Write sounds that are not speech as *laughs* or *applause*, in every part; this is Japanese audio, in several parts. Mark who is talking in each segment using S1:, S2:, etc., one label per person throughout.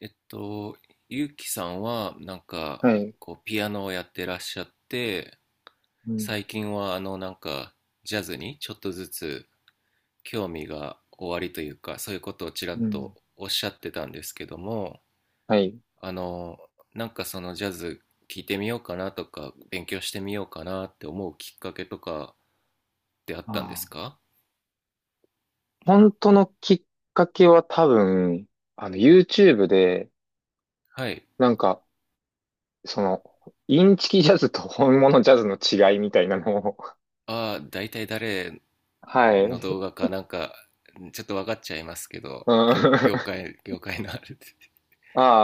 S1: えっと、ゆうきさんは、
S2: はい。
S1: ピアノをやってらっしゃって、
S2: うん。
S1: 最近は、ジャズにちょっとずつ興味がおありというか、そういうことをちらっ
S2: うん。
S1: とおっしゃってたんですけども、
S2: はい。
S1: あの、そのジャズ聴いてみようかなとか、勉強してみようかなって思うきっかけとかってあったんです
S2: ああ。
S1: か？
S2: 本当のきっかけは多分、あの、YouTube で、
S1: はい。
S2: なんか、その、インチキジャズと本物ジャズの違いみたいなのを、
S1: ああ、大体誰
S2: *laughs* はい。う
S1: の動
S2: ん。
S1: 画かなんか、ちょっと分かっちゃいますけど、業、業
S2: *laughs*
S1: 界、業界のあれで。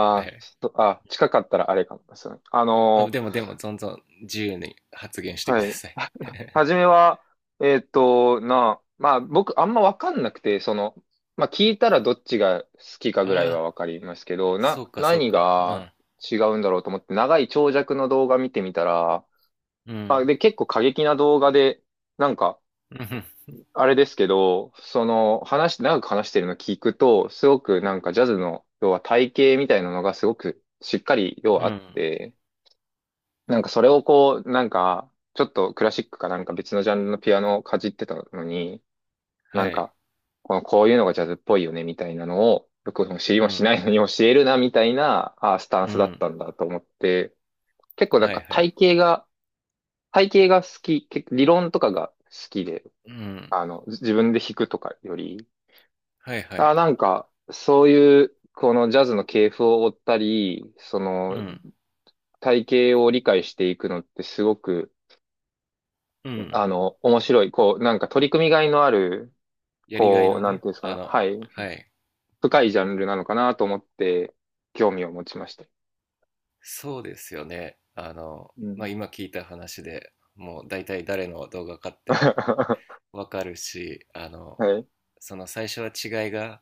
S1: は
S2: あ、
S1: い。
S2: ちょっと、あ、近かったらあれかもですね。あ
S1: あ、
S2: の、
S1: でもでも、どんどん自由に発言してく
S2: は
S1: だ
S2: い。
S1: さい。*laughs*
S2: 初めは、まあ僕あんまわかんなくて、その、まあ聞いたらどっちが好きかぐらいは
S1: ああ、
S2: わかりますけど、
S1: そうかそう
S2: 何
S1: か。う
S2: が
S1: ん。
S2: 違うんだろうと思って長い長尺の動画見てみたら、
S1: う
S2: まあ
S1: ん。
S2: で結構過激な動画で、なんか、
S1: うん。
S2: あれですけど、その話、長く話してるの聞くと、すごくなんかジャズの、要は体系みたいなのがすごくしっかり、要
S1: う
S2: はあっ
S1: ん。
S2: て、なんかそれをこう、なんか、ちょっとクラシックかなんか別のジャンルのピアノをかじってたのに、なん
S1: はい。
S2: か、この、こういうのがジャズっぽいよね、みたいなのを、よく知り
S1: う
S2: もし
S1: ん。
S2: ないのに教えるな、みたいな、あースタン
S1: う
S2: スだっ
S1: ん。
S2: たんだと思って、結構なん
S1: はい
S2: か
S1: はい。
S2: 体系が、体系が好き、結構理論とかが好きで、
S1: うん。
S2: あの、自分で弾くとかより、
S1: はいは
S2: あー、
S1: い。
S2: なんか、そういう、このジャズの系譜を追ったり、そ
S1: う
S2: の、
S1: ん。
S2: 体系を理解していくのってすごく、
S1: うん。
S2: あの、面白い、こう、なんか取り組みがいのある、
S1: やりがい
S2: こう、
S1: の
S2: なんて
S1: ね、
S2: いうんですかね、はい、
S1: はい。
S2: 深いジャンルなのかなと思って、興味を持ちました。
S1: そうですよね。
S2: う
S1: ま
S2: ん。
S1: あ、今聞いた話でもう大体誰の動画かって
S2: *laughs*
S1: わかるし、
S2: はい。
S1: その最初は違いが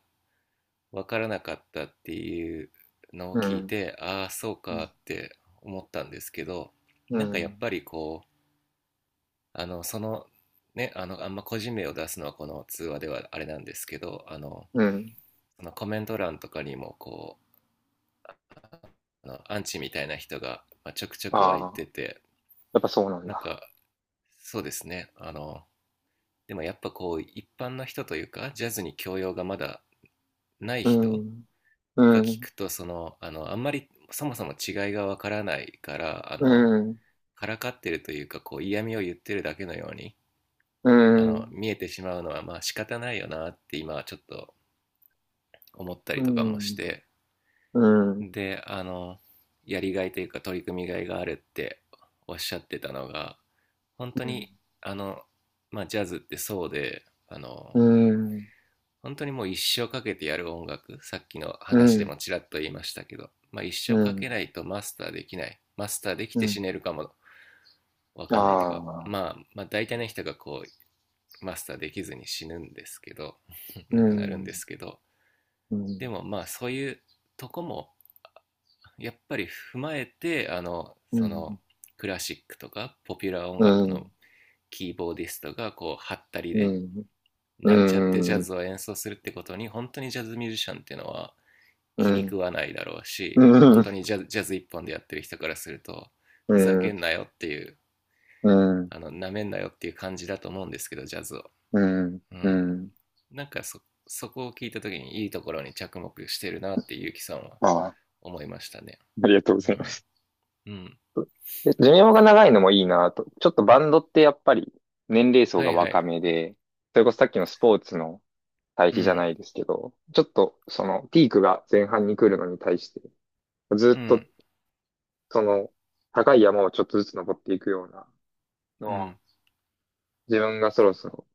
S1: 分からなかったっていうのを
S2: う
S1: 聞い
S2: ん。
S1: て、ああそう
S2: う
S1: か
S2: ん。
S1: って思ったんですけど、
S2: う
S1: なんかやっ
S2: ん。
S1: ぱりこうあのそのねあのあんま個人名を出すのはこの通話ではあれなんですけど、
S2: うん。
S1: コメント欄とかにもアンチみたいな人がちょくちょく湧い
S2: ああ、
S1: てて、
S2: やっぱそうなん
S1: なん
S2: だ。
S1: かそうですねあのでもやっぱこう一般の人というかジャズに教養がまだない
S2: う
S1: 人
S2: ん。
S1: が
S2: う
S1: 聞
S2: ん。
S1: くと、あんまりそもそも違いがわからないから、
S2: うん。
S1: からかってるというか、こう嫌味を言ってるだけのように、
S2: うん。
S1: 見えてしまうのはまあ仕方ないよなって今はちょっと思った
S2: う
S1: りと
S2: ん。
S1: か
S2: う
S1: もし
S2: ん。
S1: て、
S2: うん。
S1: で、やりがいというか取り組みがいがあるっておっしゃってたのが、本当
S2: うん。
S1: に、あの、まあジャズってそうで、
S2: うん。
S1: 本当にもう一生かけてやる音楽、さっきの話でもちらっと言いましたけど、まあ一
S2: う
S1: 生かけ
S2: ん。
S1: ないとマスターできない。マスターでき
S2: う
S1: て死
S2: ん。
S1: ねるかもわ
S2: あ
S1: かんないというか、
S2: あ。
S1: まあ大体の人がこうマスターできずに死ぬんですけど、 *laughs*
S2: う
S1: 亡くなるんで
S2: ん。
S1: すけど、
S2: う
S1: で
S2: ん。
S1: もまあそういうとこもやっぱり踏まえて、
S2: うん。
S1: クラシックとかポピュラー音
S2: う
S1: 楽の
S2: ん。
S1: キーボーディストがこうハったり
S2: う
S1: で
S2: ん。
S1: なんちゃってジ
S2: う
S1: ャ
S2: ん。
S1: ズを演奏するってことに、本当にジャズミュージシャンっていうのは
S2: う
S1: 気に食
S2: ん。
S1: わないだろう
S2: う
S1: し、
S2: ん、
S1: 本当
S2: う
S1: にジャズジャズ一本でやってる人からするとふざけ
S2: ん、
S1: んなよっていう、
S2: うん、
S1: なめんなよっていう感じだと思うんですけど、ジャズを。
S2: うん、
S1: う
S2: う
S1: ん、
S2: ん。
S1: そこを聞いたときに、いいところに着目してるなってゆうきさんは
S2: ああ、
S1: 思いましたね。
S2: ありがとうご
S1: う
S2: ざいま
S1: ん。
S2: す。
S1: うん。
S2: で寿命が長いのもいいなと。ちょっとバンドってやっぱり年齢層
S1: は
S2: が
S1: いは
S2: 若
S1: い。
S2: めで、それこそさっきのスポーツの対
S1: う
S2: 比じゃな
S1: ん。
S2: いですけど、ちょっとそのピークが前半に来るのに対して、
S1: う
S2: ずっと
S1: ん。
S2: その高い山をちょっとずつ登っていくようなの
S1: う
S2: は、
S1: ん。
S2: 自分がそろそろ、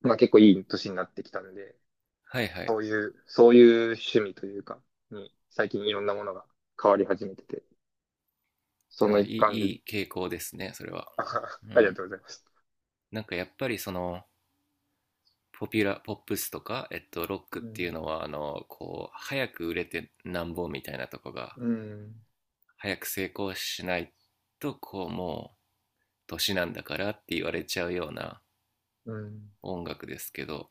S2: まあ結構いい年になってきたんで、
S1: はいは
S2: そ
S1: い。
S2: ういう、そういう趣味というか、に最近いろんなものが変わり始めてて、その
S1: あ、い
S2: 一
S1: い、
S2: 環で、
S1: いい傾向ですね、それは。
S2: あはは
S1: う
S2: ありが
S1: ん。
S2: とうございます。
S1: なんかやっぱりその、ポピュラ、ポップスとか、ロックっ
S2: う
S1: ていう
S2: ん、
S1: のは、早く売れてなんぼみたいなとこが、
S2: うん、
S1: 早く成功しないと、こう、もう、年なんだからって言われちゃうような
S2: うん、
S1: 音楽ですけど、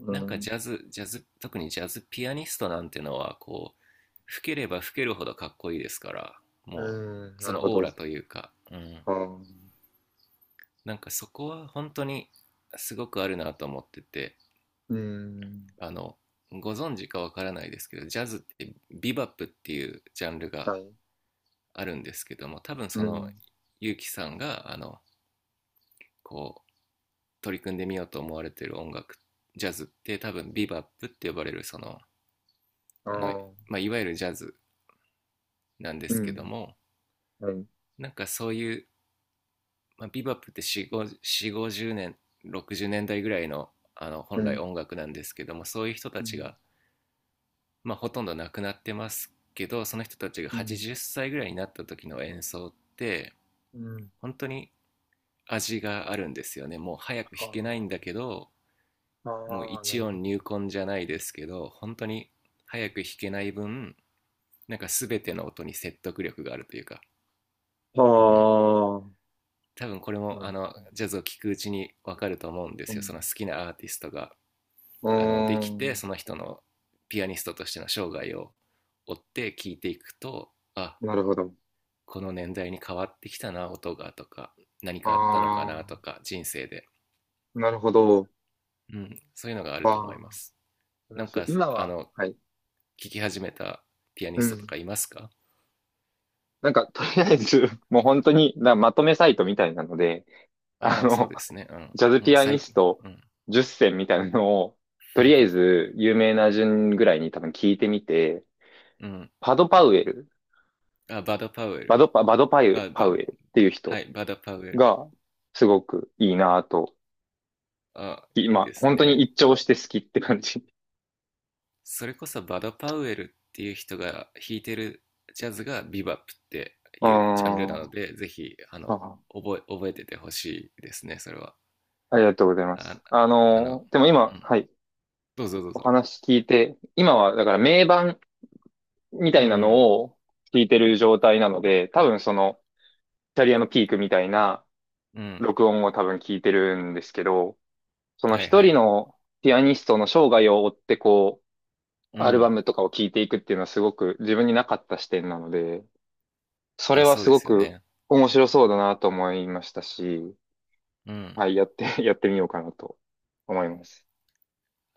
S2: う
S1: なんかジ
S2: ん、
S1: ャズ、ジャズ、特にジャズピアニストなんてのは、こう、吹ければ吹けるほどかっこいいですから、も
S2: うん
S1: う、
S2: な
S1: そ
S2: るほ
S1: のオー
S2: ど。
S1: ラというか、うん。
S2: ああ
S1: なんかそこは本当にすごくあるなと思ってて、
S2: うん、
S1: あの、ご存知かわからないですけど、ジャズってビバップっていうジャンルが
S2: はい、
S1: あるんですけども、多分
S2: う
S1: その、
S2: ん、
S1: ゆうきさんが、こう、取り組んでみようと思われてる音楽、ジャズって多分ビバップって呼ばれる、その、
S2: あ
S1: あの、
S2: ー
S1: まあ、いわゆるジャズなんで
S2: う
S1: すけど
S2: ん、
S1: も、
S2: はい、う
S1: なんかそういう、まあ、ビバップって4 5 4 5 0年60年代ぐらいの、本来
S2: ん、
S1: 音楽なんですけども、そういう人
S2: う
S1: たち
S2: ん、
S1: が、まあ、ほとんど亡くなってますけど、その人たちが
S2: うん、
S1: 80歳ぐらいになった時の演奏って
S2: うん、
S1: 本当に味があるんですよね。もう早く弾けないんだ
S2: あ
S1: けど、
S2: あ
S1: もう
S2: ああな
S1: 一
S2: るほ
S1: 音
S2: ど。
S1: 入魂じゃないですけど、本当に早く弾けない分、なんか全ての音に説得力があるというか、
S2: あ
S1: うん、
S2: あ、
S1: 多分これ
S2: な
S1: も
S2: る
S1: ジャズを聴くうちに分かると思うんで
S2: う
S1: すよ。
S2: ん、
S1: その好きなアーティストが
S2: うー
S1: できて、
S2: ん、
S1: その人のピアニストとしての生涯を追って聴いていくと、あ、
S2: なるほど。
S1: この年代に変わってきたな音が、とか、何かあったのか
S2: あ
S1: な、とか、人生で、
S2: あ、なるほど。
S1: うん、そういうのがあ
S2: あ
S1: ると思いま
S2: あ、
S1: す。な
S2: 面
S1: ん
S2: 白い。
S1: か
S2: 今
S1: あ
S2: は、
S1: の
S2: はい、
S1: 聴き始めたピアニ
S2: う
S1: ストと
S2: ん。
S1: かいますか？
S2: なんか、とりあえず、*laughs* もう本当に、なまとめサイトみたいなので、あ
S1: ああ、そう
S2: の、
S1: ですね。う
S2: ジャズ
S1: ん、うん、
S2: ピアニ
S1: 最
S2: ス
S1: 近。
S2: ト
S1: うん、
S2: 10選みたいなのを、とりあえ
S1: *laughs*
S2: ず、有名な順ぐらいに多分聞いてみて、
S1: うん、
S2: パド・パウエル、
S1: あ、バド・パウエ
S2: バ
S1: ル。
S2: ドパ、バドパウ、
S1: バ
S2: パ
S1: バ
S2: ウエルっていう
S1: は
S2: 人
S1: い、バド・パウエル。
S2: が、すごくいいなぁと、
S1: あ、いい
S2: 今、
S1: です
S2: 本当に
S1: ね。
S2: 一聴して好きって感じ。
S1: それこそバド・パウエルっていう人が弾いてるジャズがビバップって
S2: *laughs* あ
S1: いうジャンルなの
S2: ー
S1: で、ぜひ、
S2: あ
S1: 覚えててほしいですね、それは。
S2: ありがとうございます。
S1: あ、
S2: あ
S1: あの、
S2: の、でも今、
S1: うん。
S2: はい、
S1: どうぞどう
S2: お
S1: ぞ。
S2: 話聞いて、今は、だから名盤、みた
S1: う
S2: いな
S1: ん、
S2: のを聞いてる状態なので、多分その、キャリアのピークみたいな
S1: うん、うん。
S2: 録音を多分聞いてるんですけど、その
S1: はい
S2: 一
S1: は
S2: 人
S1: い。
S2: のピアニストの生涯を追ってこう、
S1: う
S2: アルバ
S1: ん。
S2: ムとかを聞いていくっていうのはすごく自分になかった視点なので、それ
S1: あ、
S2: は
S1: そう
S2: す
S1: で
S2: ご
S1: すよ
S2: く
S1: ね。
S2: 面白そうだなと思いましたし、
S1: うん。
S2: はい、やって、*laughs* やってみようかなと思います。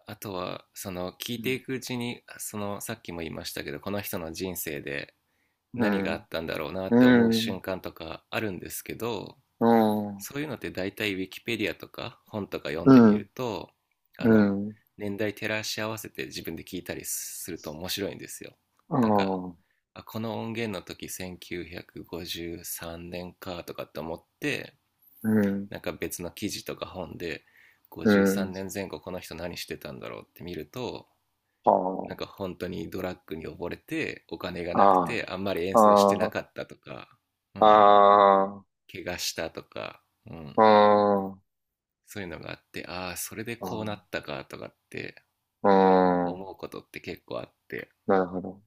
S1: あとは、その、聞
S2: う
S1: いて
S2: ん。
S1: いくうちに、その、さっきも言いましたけど、この人の人生で
S2: う
S1: 何があっ
S2: ん、
S1: たんだろうなって思う
S2: う
S1: 瞬
S2: ん、
S1: 間とかあるんですけど、
S2: うん、
S1: そういうのって大体ウィキペディアとか本とか読ん
S2: う
S1: でみ
S2: ん、
S1: ると、あ
S2: う
S1: の、
S2: ん、うん、
S1: 年代照らし合わせて自分で聞いたりすると面白いんですよ。
S2: う
S1: なんか、
S2: ん、
S1: あ、この音源の時1953年かとかって思って、なんか別の記事とか本で
S2: う
S1: 53
S2: ん、
S1: 年前後この人何してたんだろうって見ると、
S2: あ
S1: なん
S2: あ。
S1: か本当にドラッグに溺れてお金がなくて
S2: あ
S1: あんまり演
S2: あ、
S1: 奏してな
S2: あ
S1: かったとか、う
S2: あ、
S1: ん、
S2: ああ、
S1: 怪我したとか、うん、
S2: うーん、あ
S1: そういうのがあって、ああー、それでこうなっ
S2: ー
S1: たかとかって
S2: うーん、
S1: 思うことって結構あって、
S2: なるほど。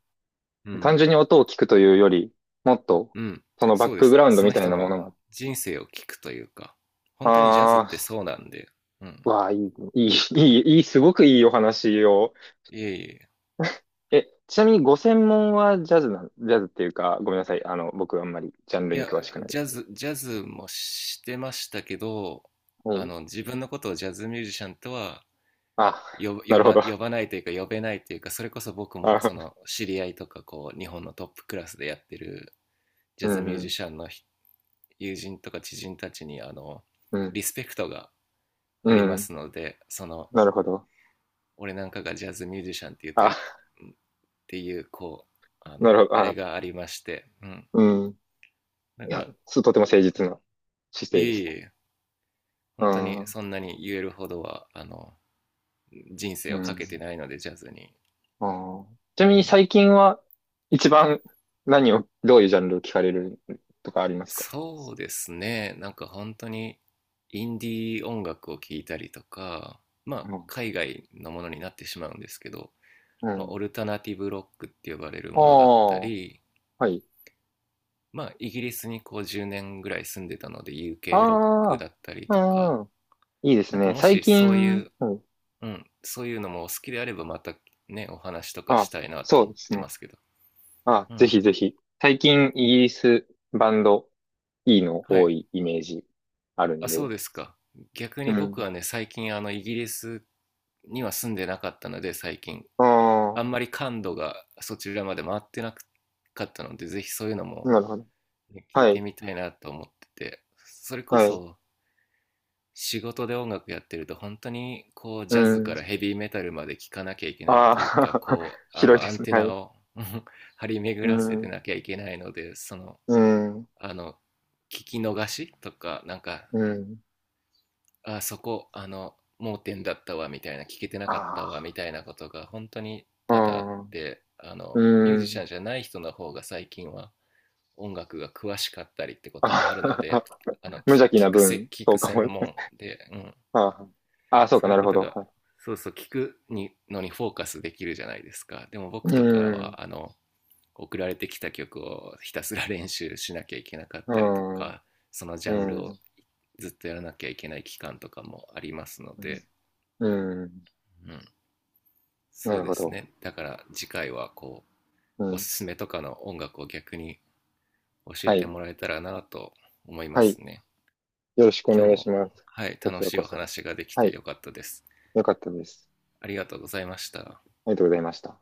S1: う
S2: 単
S1: ん、
S2: 純に音を聞くというより、もっと、
S1: うん、
S2: そのバ
S1: そ
S2: ッ
S1: うで
S2: クグ
S1: す。
S2: ラウンド
S1: その
S2: みたい
S1: 人
S2: なも
S1: の
S2: のが。
S1: 人生を聞くというか、本当にジャズっ
S2: あ
S1: てそうなんで、うん、
S2: あ、わあ、いい、いい、いい、いい、すごくいいお話を。
S1: いえいえ、
S2: え、ちなみにご専門はジャズなん、ジャズっていうか、ごめんなさい。あの、僕あんまりジャンル
S1: い
S2: に
S1: や、
S2: 詳しくない。
S1: ジャズもしてましたけど、
S2: はい。
S1: 自分のことをジャズミュージシャンとは
S2: あ、
S1: 呼ば、
S2: な
S1: 呼
S2: るほ
S1: ば
S2: ど。
S1: 呼ばないというか呼べないというか、それこそ僕もそ
S2: あ、
S1: の知り合いとかこう、日本のトップクラスでやってるジ
S2: う
S1: ャズ
S2: ん、
S1: ミュー
S2: う
S1: ジ
S2: ん、
S1: シャンの友人とか知人たちに
S2: う
S1: リ
S2: ん、
S1: スペクトがあ
S2: う
S1: りま
S2: ん
S1: すので、その
S2: なるほど。
S1: 俺なんかがジャズミュージシャンっていうといっ
S2: あ、
S1: ていうこう
S2: なるほど。
S1: あれ
S2: あ、
S1: がありまして、うん、
S2: うん。
S1: だ
S2: い
S1: か
S2: や、
S1: ら
S2: す、とても誠実な姿
S1: い
S2: 勢
S1: え
S2: です
S1: い
S2: ね。
S1: え、
S2: う
S1: 本当
S2: ん。う
S1: に
S2: ん。
S1: そんなに言えるほどは人生をかけてないのでジャズに、
S2: あーちなみ
S1: う
S2: に
S1: ん、
S2: 最近は一番何を、どういうジャンルを聞かれるとかありますか
S1: そうですね、なんか本当にインディー音楽を聴いたりとか、まあ
S2: うん。
S1: 海外のものになってしまうんですけど、
S2: う
S1: まあ、オ
S2: ん。
S1: ルタナティブロックって呼ばれる
S2: あ
S1: ものだった
S2: あ、
S1: り、
S2: はい。
S1: まあ、イギリスにこう10年ぐらい住んでたので UK ロック
S2: あ
S1: だったりと
S2: あ、
S1: か、
S2: うん。いいです
S1: なんか
S2: ね。
S1: も
S2: 最
S1: しそうい
S2: 近、
S1: う、
S2: うん、
S1: うん、そういうのもお好きであればまたねお話とか
S2: あ、
S1: したいなと
S2: そう
S1: 思っ
S2: です
S1: て
S2: ね。
S1: ますけど、
S2: あ、
S1: う
S2: ぜひ
S1: ん、
S2: ぜひ。最近イギリスバンドいいの
S1: は
S2: 多
S1: い。
S2: いイメージある
S1: あ、
S2: ん
S1: そう
S2: で。
S1: ですか？逆
S2: う
S1: に僕
S2: ん。
S1: はね、最近イギリスには住んでなかったので、最近
S2: あ
S1: あん
S2: あ、
S1: まり感度がそちらまで回ってなかったので、ぜひそういうのも、
S2: なるほど。
S1: ね、聞い
S2: は
S1: て
S2: い。
S1: みたいなと思ってて、それこ
S2: はい。
S1: そ仕事で音楽やってると本当にこう
S2: う
S1: ジャズ
S2: ん。
S1: からヘビーメタルまで聴かなきゃいけないっ
S2: あ
S1: ていうか、
S2: あ、
S1: こ
S2: *laughs*
S1: う
S2: 広いで
S1: アン
S2: すね。
S1: テ
S2: は
S1: ナ
S2: い。
S1: を *laughs* 張り巡
S2: う
S1: らせて
S2: ん、
S1: なきゃいけないので、その、
S2: うん、
S1: あの聞き逃しとか、なんか
S2: うん。
S1: あそこ盲点だったわみたいな、聞けてなかったわ
S2: あ
S1: みたいなことが本当に多々あっ
S2: あ、
S1: て、
S2: う
S1: ミ
S2: ん、
S1: ュー
S2: う
S1: ジシ
S2: ん。
S1: ャンじゃない人の方が最近は音楽が詳しかったりってこ
S2: あ
S1: ともあるので、
S2: *laughs*
S1: あの
S2: 無邪気
S1: 聞
S2: な分、
S1: 聞
S2: そ
S1: く
S2: うか
S1: 専
S2: も。
S1: 門で、うん、
S2: あーあー、そうか、
S1: そうい
S2: な
S1: う
S2: る
S1: こ
S2: ほ
S1: と
S2: ど。
S1: が、
S2: はい。
S1: そうそう、聞くにのにフォーカスできるじゃないですか。でも僕
S2: う
S1: とか
S2: ん、
S1: は送られてきた曲をひたすら練習しなきゃいけなかっ
S2: う
S1: たりと
S2: ん、
S1: か、そのジャンル
S2: う
S1: を
S2: ん、
S1: ずっとやらなきゃいけない期間とかもありますので、
S2: うん。
S1: うん、
S2: な
S1: そう
S2: る
S1: で
S2: ほ
S1: す
S2: ど。
S1: ね、だから次回はこ
S2: う
S1: うおす
S2: ん。
S1: すめとかの音楽を逆に教え
S2: は
S1: て
S2: い。
S1: もらえたらなと思いま
S2: は
S1: す
S2: い。
S1: ね。
S2: よろしくお
S1: 今日
S2: 願い
S1: も、
S2: します。
S1: はい、
S2: こち
S1: 楽
S2: ら
S1: しい
S2: こ
S1: お
S2: そ。
S1: 話ができ
S2: は
S1: て
S2: い。
S1: よかったです。
S2: よかったです。
S1: ありがとうございました。
S2: ありがとうございました。